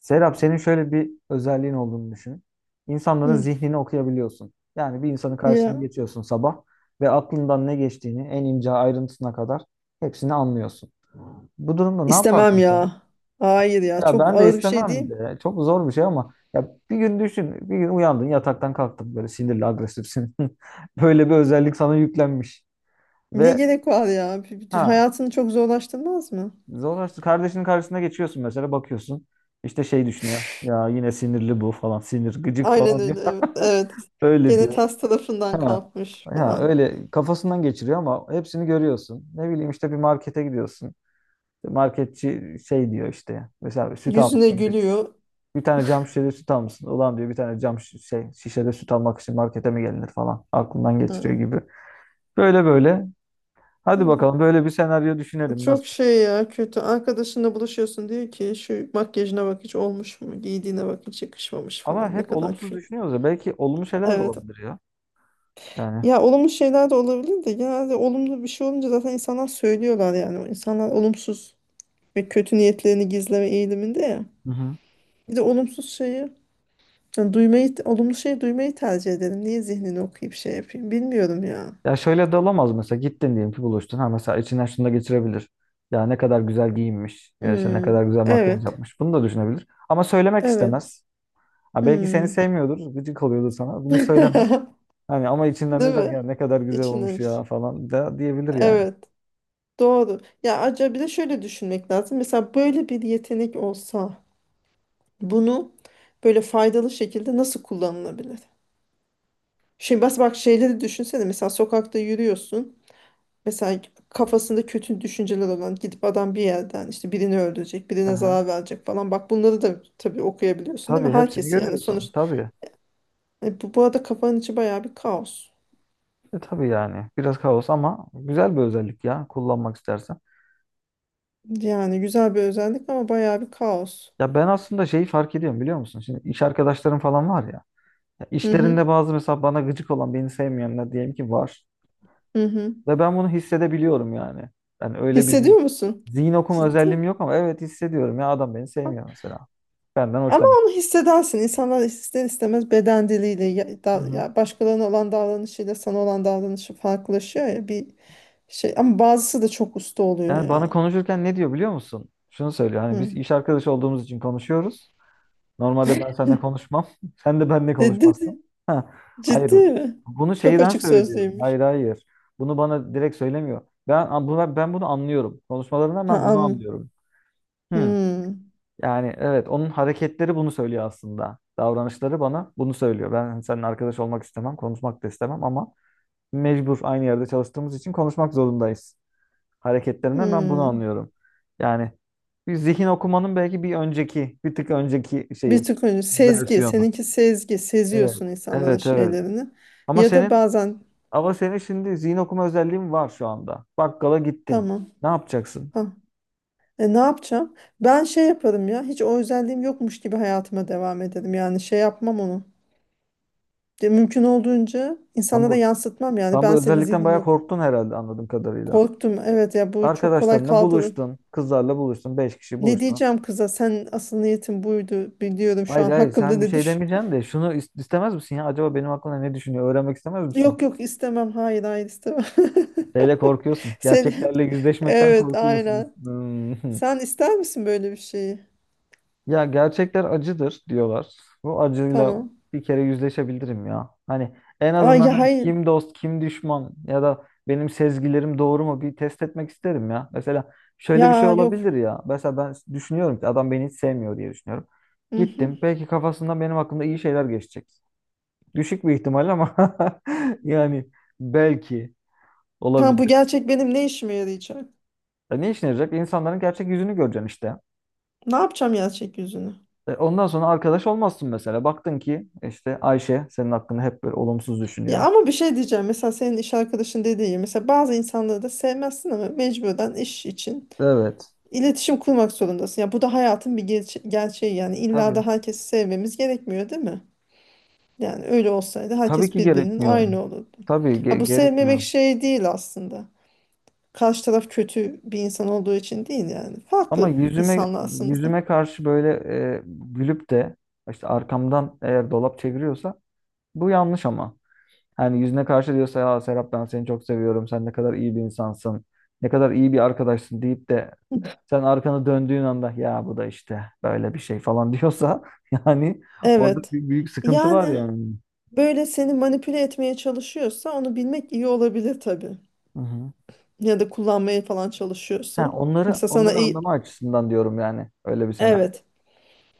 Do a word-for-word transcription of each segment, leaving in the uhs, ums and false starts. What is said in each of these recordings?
Serap senin şöyle bir özelliğin olduğunu düşün. İnsanların Hı, zihnini okuyabiliyorsun. Yani bir insanın karşısına ya geçiyorsun sabah ve aklından ne geçtiğini en ince ayrıntısına kadar hepsini anlıyorsun. Bu durumda ne istemem yapardın sen? ya. Hayır ya Ya çok ben de ağır bir şey istemem değil. de. Çok zor bir şey ama ya bir gün düşün. Bir gün uyandın yataktan kalktın böyle sinirli agresifsin. Böyle bir özellik sana yüklenmiş. Ne Ve gerek var ya? Bir- bir- ha, Hayatını çok zorlaştırmaz mı? zorlaştı. Kardeşinin karşısına geçiyorsun mesela bakıyorsun. İşte şey düşünüyor. Ya yine sinirli bu falan. Sinir gıcık Aynen falan diyor. öyle, evet. Evet. Öyle Gene diyor. ters tarafından Ha. kalkmış Ha, falan. öyle kafasından geçiriyor ama hepsini görüyorsun. Ne bileyim işte bir markete gidiyorsun. Marketçi şey diyor işte. Mesela bir süt Yüzüne almışsın. Bir, gülüyor. bir tane cam şişede süt almışsın. Ulan diyor bir tane cam şi- şey, şişede süt almak için markete mi gelinir falan. Aklından geçiriyor Hı, gibi. Böyle böyle. değil Hadi mi? bakalım böyle bir senaryo düşünelim. Nasıl? Çok şey ya, kötü. Arkadaşınla buluşuyorsun, diyor ki şu makyajına bak, hiç olmuş mu? Giydiğine bak, hiç yakışmamış Ama falan. Ne hep kadar olumsuz kötü. düşünüyoruz ya. Belki olumlu şeyler de Evet. olabilir ya. Yani. Ya olumlu şeyler de olabilir de genelde olumlu bir şey olunca zaten insanlar söylüyorlar yani. İnsanlar olumsuz ve kötü niyetlerini gizleme eğiliminde ya. Hı hı. Bir de olumsuz şeyi, yani duymayı, olumlu şeyi duymayı tercih edelim. Niye zihnini okuyup şey yapayım? Bilmiyorum ya. Ya şöyle de olamaz mesela gittin diyelim ki buluştun. Ha mesela içinden şunu da geçirebilir. Ya ne kadar güzel giyinmiş. Ya işte ne Hmm, kadar güzel makyaj evet, yapmış. Bunu da düşünebilir. Ama söylemek evet. istemez. Ha belki seni Hmm. sevmiyordur. Gıcık oluyordur sana. Bunu söylemez. Hani ama içinden ne Değil der ya mi? ne kadar güzel İçine. olmuş ya İş. falan da diyebilir yani. Evet, doğru. Ya acaba bir de şöyle düşünmek lazım. Mesela böyle bir yetenek olsa bunu böyle faydalı şekilde nasıl kullanılabilir? Şimdi bas bak, şeyleri düşünsene. Mesela sokakta yürüyorsun. Mesela kafasında kötü düşünceler olan gidip adam bir yerden işte birini öldürecek, birine Aha. zarar verecek falan. Bak, bunları da tabii okuyabiliyorsun değil Tabii mi? hepsini Herkesi yani sonuç. görüyorsun. Tabii. Hani bu, bu arada kafanın içi bayağı bir kaos. E, tabii yani. Biraz kaos ama güzel bir özellik ya kullanmak istersen. Yani güzel bir özellik ama bayağı bir kaos. Ya ben aslında şeyi fark ediyorum biliyor musun? Şimdi iş arkadaşlarım falan var ya. Ya Hı hı, İşlerinde bazı mesela bana gıcık olan, beni sevmeyenler diyelim ki var. hı hı. Ve ben bunu hissedebiliyorum yani. Ben öyle bir zi- Hissediyor musun? zihin okuma Ciddi. özelliğim yok ama evet hissediyorum ya adam beni sevmiyor mesela. Benden Ama hoşlanmıyor. onu hissedersin. İnsanlar ister istemez beden diliyle ya, Hı da- hı. ya başkalarına olan davranışıyla sana olan davranışı farklılaşıyor ya bir şey. Ama bazısı da çok usta oluyor Yani bana ya. konuşurken ne diyor biliyor musun? Şunu söylüyor hani biz Hı. iş arkadaşı olduğumuz için konuşuyoruz. Normalde ben seninle konuşmam. Sen de benimle Dedi. konuşmazsın. Ha, hayır. Ciddi mi? Bunu Çok şeyden açık söylüyor. sözlüymüş. Hayır hayır. Bunu bana direkt söylemiyor. Ben, ben bunu anlıyorum. Konuşmalarından Ha, ben bunu anladım. anlıyorum. Hmm. Hmm. Yani evet onun hareketleri bunu söylüyor aslında. Davranışları bana bunu söylüyor. Ben hani, seninle arkadaş olmak istemem, konuşmak da istemem ama mecbur aynı yerde çalıştığımız için konuşmak zorundayız. Hareketlerinden ben bunu Hmm. anlıyorum. Yani bir zihin okumanın belki bir önceki, bir tık önceki şeyi, Bir tık önce sezgi. versiyonu. Seninki sezgi. Seziyorsun Evet. insanların Evet, evet. şeylerini. Ama Ya da senin bazen ama senin şimdi zihin okuma özelliğin var şu anda. Bakkala gittin. tamam. Ne yapacaksın? Ha. E, ne yapacağım? Ben şey yaparım ya. Hiç o özelliğim yokmuş gibi hayatıma devam ederim. Yani şey yapmam onu. Ya, mümkün olduğunca Tam insanlara bu yansıtmam yani. tam bu Ben senin özellikten zihnini bayağı ok- korktun herhalde anladığım kadarıyla. Korktum. Evet ya, bu çok kolay Arkadaşlarınla kaldırın. buluştun. Kızlarla buluştun. Beş kişi Ne buluştunuz. diyeceğim kıza? Sen asıl niyetin buydu. Biliyorum şu Hayır an hayır hakkımda sen bir ne şey düşün. demeyeceksin de şunu is- istemez misin ya? Acaba benim hakkında ne düşünüyor? Öğrenmek istemez misin? Yok yok, istemem. Hayır hayır, istemem. Şeyle korkuyorsun. Sen Gerçeklerle yüzleşmekten evet, korkuyorsun. aynen. Hmm. Sen ister misin böyle bir şeyi? Ya gerçekler acıdır diyorlar. Bu acıyla Tamam. bir kere yüzleşebilirim ya. Hani en Ay azından ya, hani hayır. kim dost kim düşman ya da benim sezgilerim doğru mu bir test etmek isterim ya. Mesela şöyle bir şey Ya yok. olabilir ya. Mesela ben düşünüyorum ki adam beni hiç sevmiyor diye düşünüyorum. Gittim. Mhm. Belki kafasından benim hakkında iyi şeyler geçecek. Düşük bir ihtimal ama yani belki Tamam, bu olabilir. gerçek benim ne işime yarayacak? Ya ne işine yarayacak? İnsanların gerçek yüzünü göreceksin işte. Ne yapacağım gerçek yüzünü? E, Ondan sonra arkadaş olmazsın mesela. Baktın ki işte Ayşe senin hakkında hep böyle olumsuz Ya düşünüyor. ama bir şey diyeceğim. Mesela senin iş arkadaşın dediği gibi. Mesela bazı insanları da sevmezsin ama mecburen iş için Evet. iletişim kurmak zorundasın. Ya bu da hayatın bir gerçe- gerçeği yani. İlla da Tabii. herkesi sevmemiz gerekmiyor değil mi? Yani öyle olsaydı Tabii herkes ki birbirinin gerekmiyor. aynı olurdu. Tabii Ha, ge- bu gerekmiyor. sevmemek şey değil aslında. Karşı taraf kötü bir insan olduğu için değil yani. Ama Farklı yüzüme insanlarsınız da. yüzüme karşı böyle e, gülüp de işte arkamdan eğer dolap çeviriyorsa bu yanlış ama. Hani yüzüne karşı diyorsa ya Serap ben seni çok seviyorum. Sen ne kadar iyi bir insansın. Ne kadar iyi bir arkadaşsın deyip de sen arkanı döndüğün anda ya bu da işte böyle bir şey falan diyorsa yani orada Evet. bir büyük sıkıntı var Yani yani. böyle seni manipüle etmeye çalışıyorsa onu bilmek iyi olabilir tabii. Hı hı. Ya da kullanmaya falan Ha, çalışıyorsa. onları Mesela sana onları iyi... anlama açısından diyorum yani. Öyle bir senaryo Evet.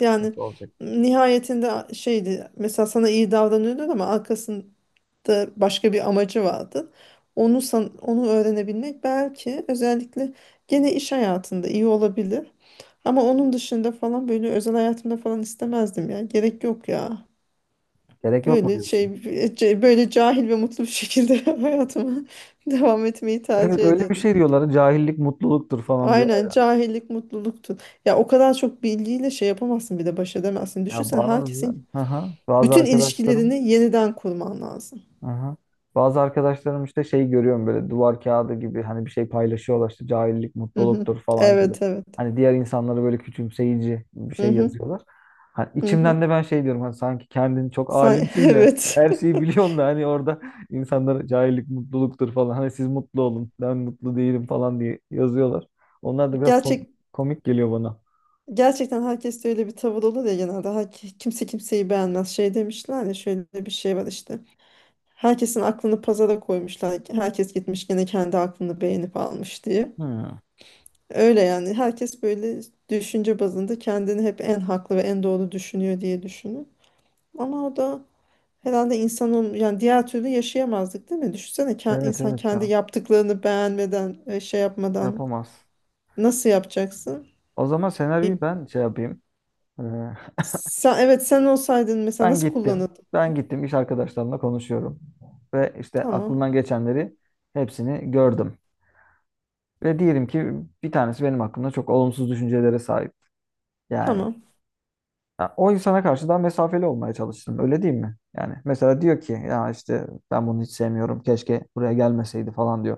Yani nasıl olacak? nihayetinde şeydi. Mesela sana iyi davranıyordu ama arkasın da başka bir amacı vardı. Onu san- onu öğrenebilmek belki özellikle gene iş hayatında iyi olabilir. Ama onun dışında falan böyle özel hayatımda falan istemezdim ya. Gerek yok ya. Gerek yok mu Böyle şey diyorsun? ce- böyle cahil ve mutlu bir şekilde hayatıma devam etmeyi Evet tercih öyle bir ederim. şey diyorlar. Cahillik mutluluktur falan diyorlar Aynen, ya. cahillik mutluluktu. Ya o kadar çok bilgiyle şey yapamazsın, bir de baş edemezsin. Ya Düşünsene, bazı herkesin hı hı, bazı bütün arkadaşlarım. ilişkilerini yeniden kurman lazım. Aha. Bazı arkadaşlarım işte şey görüyorum böyle duvar kağıdı gibi hani bir şey paylaşıyorlar işte cahillik Hı hı. mutluluktur falan gibi. Evet evet. Hani diğer insanları böyle küçümseyici bir Hı şey hı. yazıyorlar. Hani Hı hı. içimden de ben şey diyorum hani sanki kendini çok Sen, alimsin de evet. her şeyi biliyorsun da hani orada insanlara cahillik mutluluktur falan hani siz mutlu olun ben mutlu değilim falan diye yazıyorlar. Onlar da biraz kom- Gerçek komik geliyor bana. gerçekten herkes de öyle bir tavır olur ya genelde. Herke- kimse kimseyi beğenmez. Şey demişler ya, şöyle bir şey var işte. Herkesin aklını pazara koymuşlar. Herkes gitmiş gene kendi aklını beğenip almış diye. Hmm. Öyle yani. Herkes böyle düşünce bazında kendini hep en haklı ve en doğru düşünüyor diye düşünür. Ama o da herhalde insanın yani diğer türlü yaşayamazdık değil mi? Düşünsene, ke- Evet insan evet kendi ya yaptıklarını beğenmeden e, şey yapmadan yapamaz. nasıl yapacaksın? O zaman senaryoyu ben şey yapayım. Sen, evet, sen olsaydın mesela Ben nasıl gittim. kullanırdın? Ben gittim. İş arkadaşlarımla konuşuyorum. Ve işte Tamam. aklımdan geçenleri hepsini gördüm. Ve diyelim ki bir tanesi benim hakkımda çok olumsuz düşüncelere sahip. Yani Tamam. ya o insana karşı daha mesafeli olmaya çalıştım. Öyle değil mi? Yani mesela diyor ki ya işte ben bunu hiç sevmiyorum. Keşke buraya gelmeseydi falan diyor.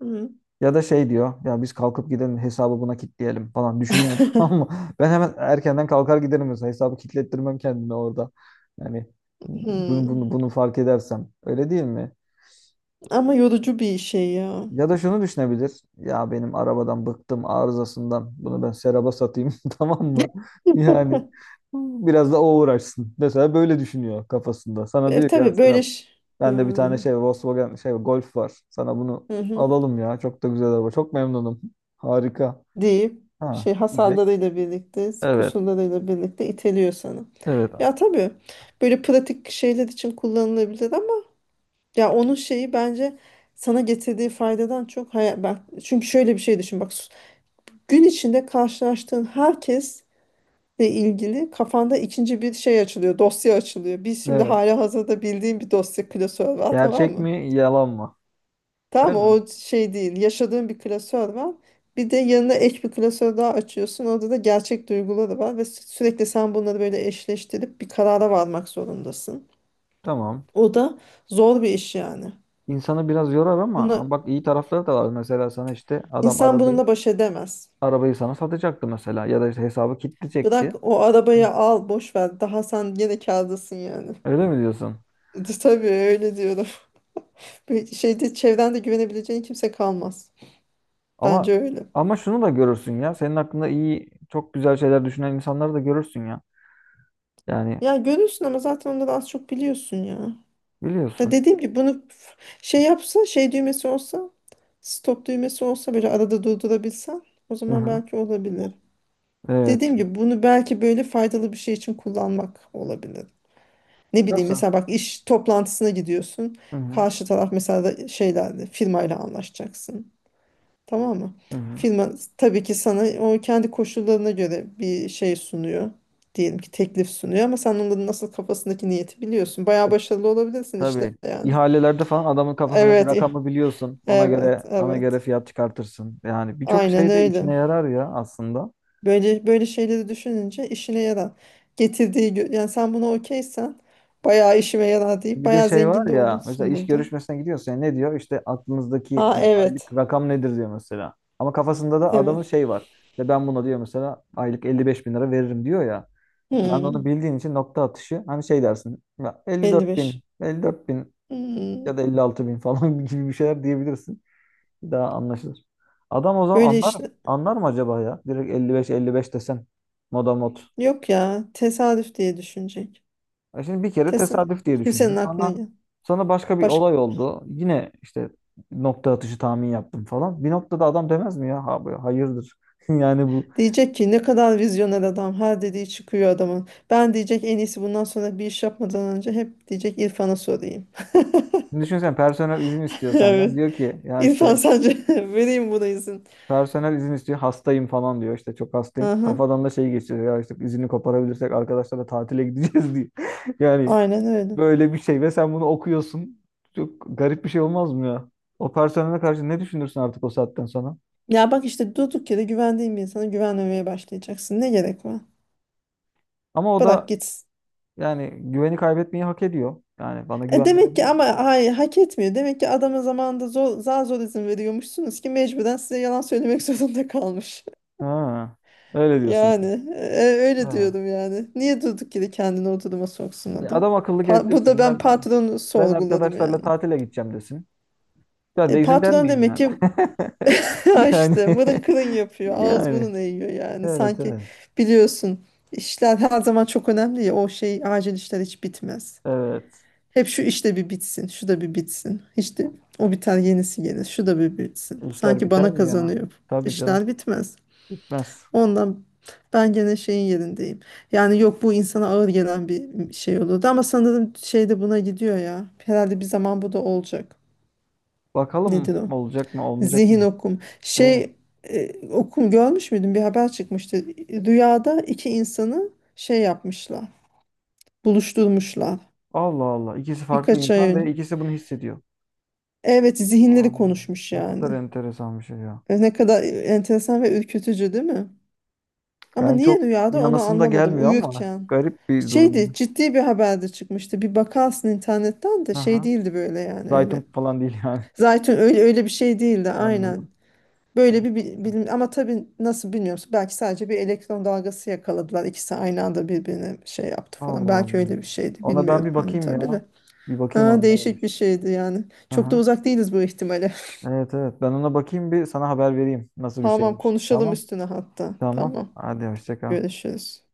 Hı. Ya da şey diyor ya biz kalkıp gidelim hesabı buna kilitleyelim falan düşünüyor. Ama ben hemen erkenden kalkar giderim mesela hesabı kilitlettirmem kendime orada. Yani bunu, Hı. bunu, bunu fark edersem öyle değil mi? Ama yorucu bir şey ya. Ya da şunu düşünebilir. Ya benim arabadan bıktım arızasından bunu ben Serap'a satayım tamam mı? Yani biraz da o uğraşsın. Mesela böyle düşünüyor kafasında. Sana E, diyor ki, ya tabii böyle Serap ş- Hı, bende bir tane şey Volkswagen şey Golf var. Sana bunu hı hı. alalım ya çok da güzel araba çok memnunum. Harika. Deyip Ha, şey diyecek. hasarlarıyla birlikte, Evet. kusurlarıyla birlikte iteliyor sana. Evet. Ya tabii böyle pratik şeyler için kullanılabilir ama ya onun şeyi bence sana getirdiği faydadan çok hayal, bak çünkü şöyle bir şey düşün bak, gün içinde karşılaştığın herkes ile ilgili kafanda ikinci bir şey açılıyor, dosya açılıyor. Biz şimdi Evet. hala hazırda bildiğim bir dosya klasör var, tamam Gerçek mı? mi, yalan mı? Tamam Değil mı? mi? O şey değil, yaşadığın bir klasör var. Bir de yanına ek bir klasör daha açıyorsun. Orada da gerçek duyguları var ve sü- sürekli sen bunları böyle eşleştirip bir karara varmak zorundasın. Tamam. O da zor bir iş yani. İnsanı biraz yorar ama ama Bunu bak iyi tarafları da var. Mesela sana işte adam insan arabayı bununla baş edemez. arabayı sana satacaktı mesela ya da işte hesabı Bırak kilitleyecekti. o Hı. arabayı, al boş ver. Daha sen gene kârdasın yani. Öyle mi diyorsun? Tabii öyle diyorum. Ve şeyde çevrende güvenebileceğin kimse kalmaz. Ama Bence öyle. ama şunu da görürsün ya. Senin hakkında iyi, çok güzel şeyler düşünen insanları da görürsün ya. Yani Ya görürsün ama zaten onları az çok biliyorsun ya. Ya biliyorsun. dediğim gibi bunu f- şey yapsa, şey düğmesi olsa, stop düğmesi olsa, böyle arada durdurabilsen, o Hı zaman hı. belki olabilir. Evet. Dediğim gibi bunu belki böyle faydalı bir şey için kullanmak olabilir. Ne bileyim, Nasıl? mesela bak iş toplantısına gidiyorsun. Hı hı. Karşı taraf mesela da şeylerle firmayla anlaşacaksın. Tamam mı? Hı hı. Firma tabii ki sana o kendi koşullarına göre bir şey sunuyor. Diyelim ki teklif sunuyor ama sen onların nasıl kafasındaki niyeti biliyorsun. Bayağı başarılı olabilirsin işte Tabii. yani. İhalelerde falan adamın kafasındaki Evet, eh, rakamı biliyorsun. Ona evet, göre ona evet. göre fiyat çıkartırsın. Yani birçok Aynen şey de öyle. işine yarar ya aslında. Böyle böyle şeyleri düşününce işine yarar. Getirdiği gö- yani sen buna okeysen bayağı işime yarar deyip Bir de bayağı şey var zengin de ya mesela olursun iş burada. görüşmesine gidiyorsun. Ya, ne diyor? İşte aklınızdaki e, Ha evet. aylık rakam nedir diyor mesela. Ama kafasında da adamın Evet. şey var. İşte ben buna diyor mesela aylık elli beş bin lira veririm diyor ya. Sen de onu Hmm, bildiğin için nokta atışı hani şey dersin. Ya elli dört bin, elli beş. elli dört bin Hmm, ya da elli altı bin falan gibi bir şeyler diyebilirsin. Bir daha anlaşılır. Adam o zaman böyle anlar işler. anlar mı acaba ya? Direkt elli beş elli beş desen moda mod. Yok ya, tesadüf diye düşünecek. E şimdi bir kere Tesadüf. tesadüf diye Kimsenin düşündüm. aklına Sonra gel. sonra başka bir Başka. olay oldu. Yine işte nokta atışı tahmin yaptım falan. Bir noktada adam demez mi ya? Ha, bu- hayırdır. Yani bu. Diyecek ki ne kadar vizyoner adam. Her dediği çıkıyor adamın. Ben diyecek, en iyisi bundan sonra bir iş yapmadan önce hep diyecek İrfan'a sorayım. Şimdi düşünsen personel izin istiyor Evet. senden. Diyor ki ya İrfan işte sence vereyim buna izin. personel izin istiyor. Hastayım falan diyor. İşte çok hastayım. Aha, Kafadan da şey geçiyor. Ya işte izini koparabilirsek arkadaşlarla tatile gideceğiz diyor. Yani aynen öyle. böyle bir şey ve sen bunu okuyorsun. Çok garip bir şey olmaz mı ya? O personele karşı ne düşünürsün artık o saatten sonra? Ya bak işte, durduk yere güvendiğin bir insana güvenmemeye başlayacaksın. Ne gerek var? Ama o da Bırak gitsin. yani güveni kaybetmeyi hak ediyor. Yani bana E güven demek ki, verebilir mi? ama hayır, hak etmiyor. Demek ki adama zamanında zor, zar zor izin veriyormuşsunuz ki mecburen size yalan söylemek zorunda kalmış. Ha, öyle Yani diyorsun. e, öyle Ha. diyorum yani. Niye durduk yere kendini o duruma soksun E, adam? Adam akıllı Pa- Burada getirsin. ben Ben patronu ben sorguladım arkadaşlarla yani. tatile gideceğim desin. Ben E, de izin patron vermeyeyim demek yani. ki Yani işte mırın kırın yapıyor. Ağız yani burun eğiyor yani. evet Sanki evet. biliyorsun, işler her zaman çok önemli ya. O şey acil işler hiç bitmez. Evet. Hep şu işte bir bitsin, şu da bir bitsin. İşte o biter yenisi gelir, şu da bir bitsin. İşler Sanki biter bana mi ya? kazanıyor. Tabii canım. İşler bitmez. Bitmez. Ondan ben gene şeyin yerindeyim. Yani yok, bu insana ağır gelen bir şey olurdu ama sanırım şey de buna gidiyor ya. Herhalde bir zaman bu da olacak. Bakalım Nedir o? olacak mı olmayacak Zihin mı? okum. Evet. Şey e, okum görmüş müydün? Bir haber çıkmıştı. Rüyada iki insanı şey yapmışlar, buluşturmuşlar. Allah Allah. İkisi farklı Birkaç ay insan önce. ve ikisi bunu hissediyor. Evet, zihinleri Ay, konuşmuş ne kadar yani. enteresan bir şey ya. E, ne kadar enteresan ve ürkütücü değil mi? Ama Yani niye çok rüyada onu inanasım da anlamadım gelmiyor ama uyurken. garip bir Şeydi, durum. ciddi bir haberde çıkmıştı. Bir bakarsın internetten de Hı şey hı. değildi, böyle yani öyle. Zaytun falan değil yani. Zaten öyle öyle bir şey değildi, aynen. Anladım. Böyle bir bi- Enteresan. bilim ama tabii nasıl bilmiyorum. Belki sadece bir elektron dalgası yakaladılar. İkisi aynı anda birbirine şey yaptı falan. Allah Allah. Belki öyle bir şeydi, Ona ben bilmiyorum bir hani bakayım tabii de. ya. Bir bakayım Ha, ona değişik bir neymiş. şeydi yani. Hı Çok da hı. uzak değiliz bu ihtimale. Evet evet. Ben ona bakayım bir sana haber vereyim nasıl bir Tamam, şeymiş. konuşalım Tamam. üstüne hatta. Tamam. Tamam, Hadi hoşça kal. görüşürüz.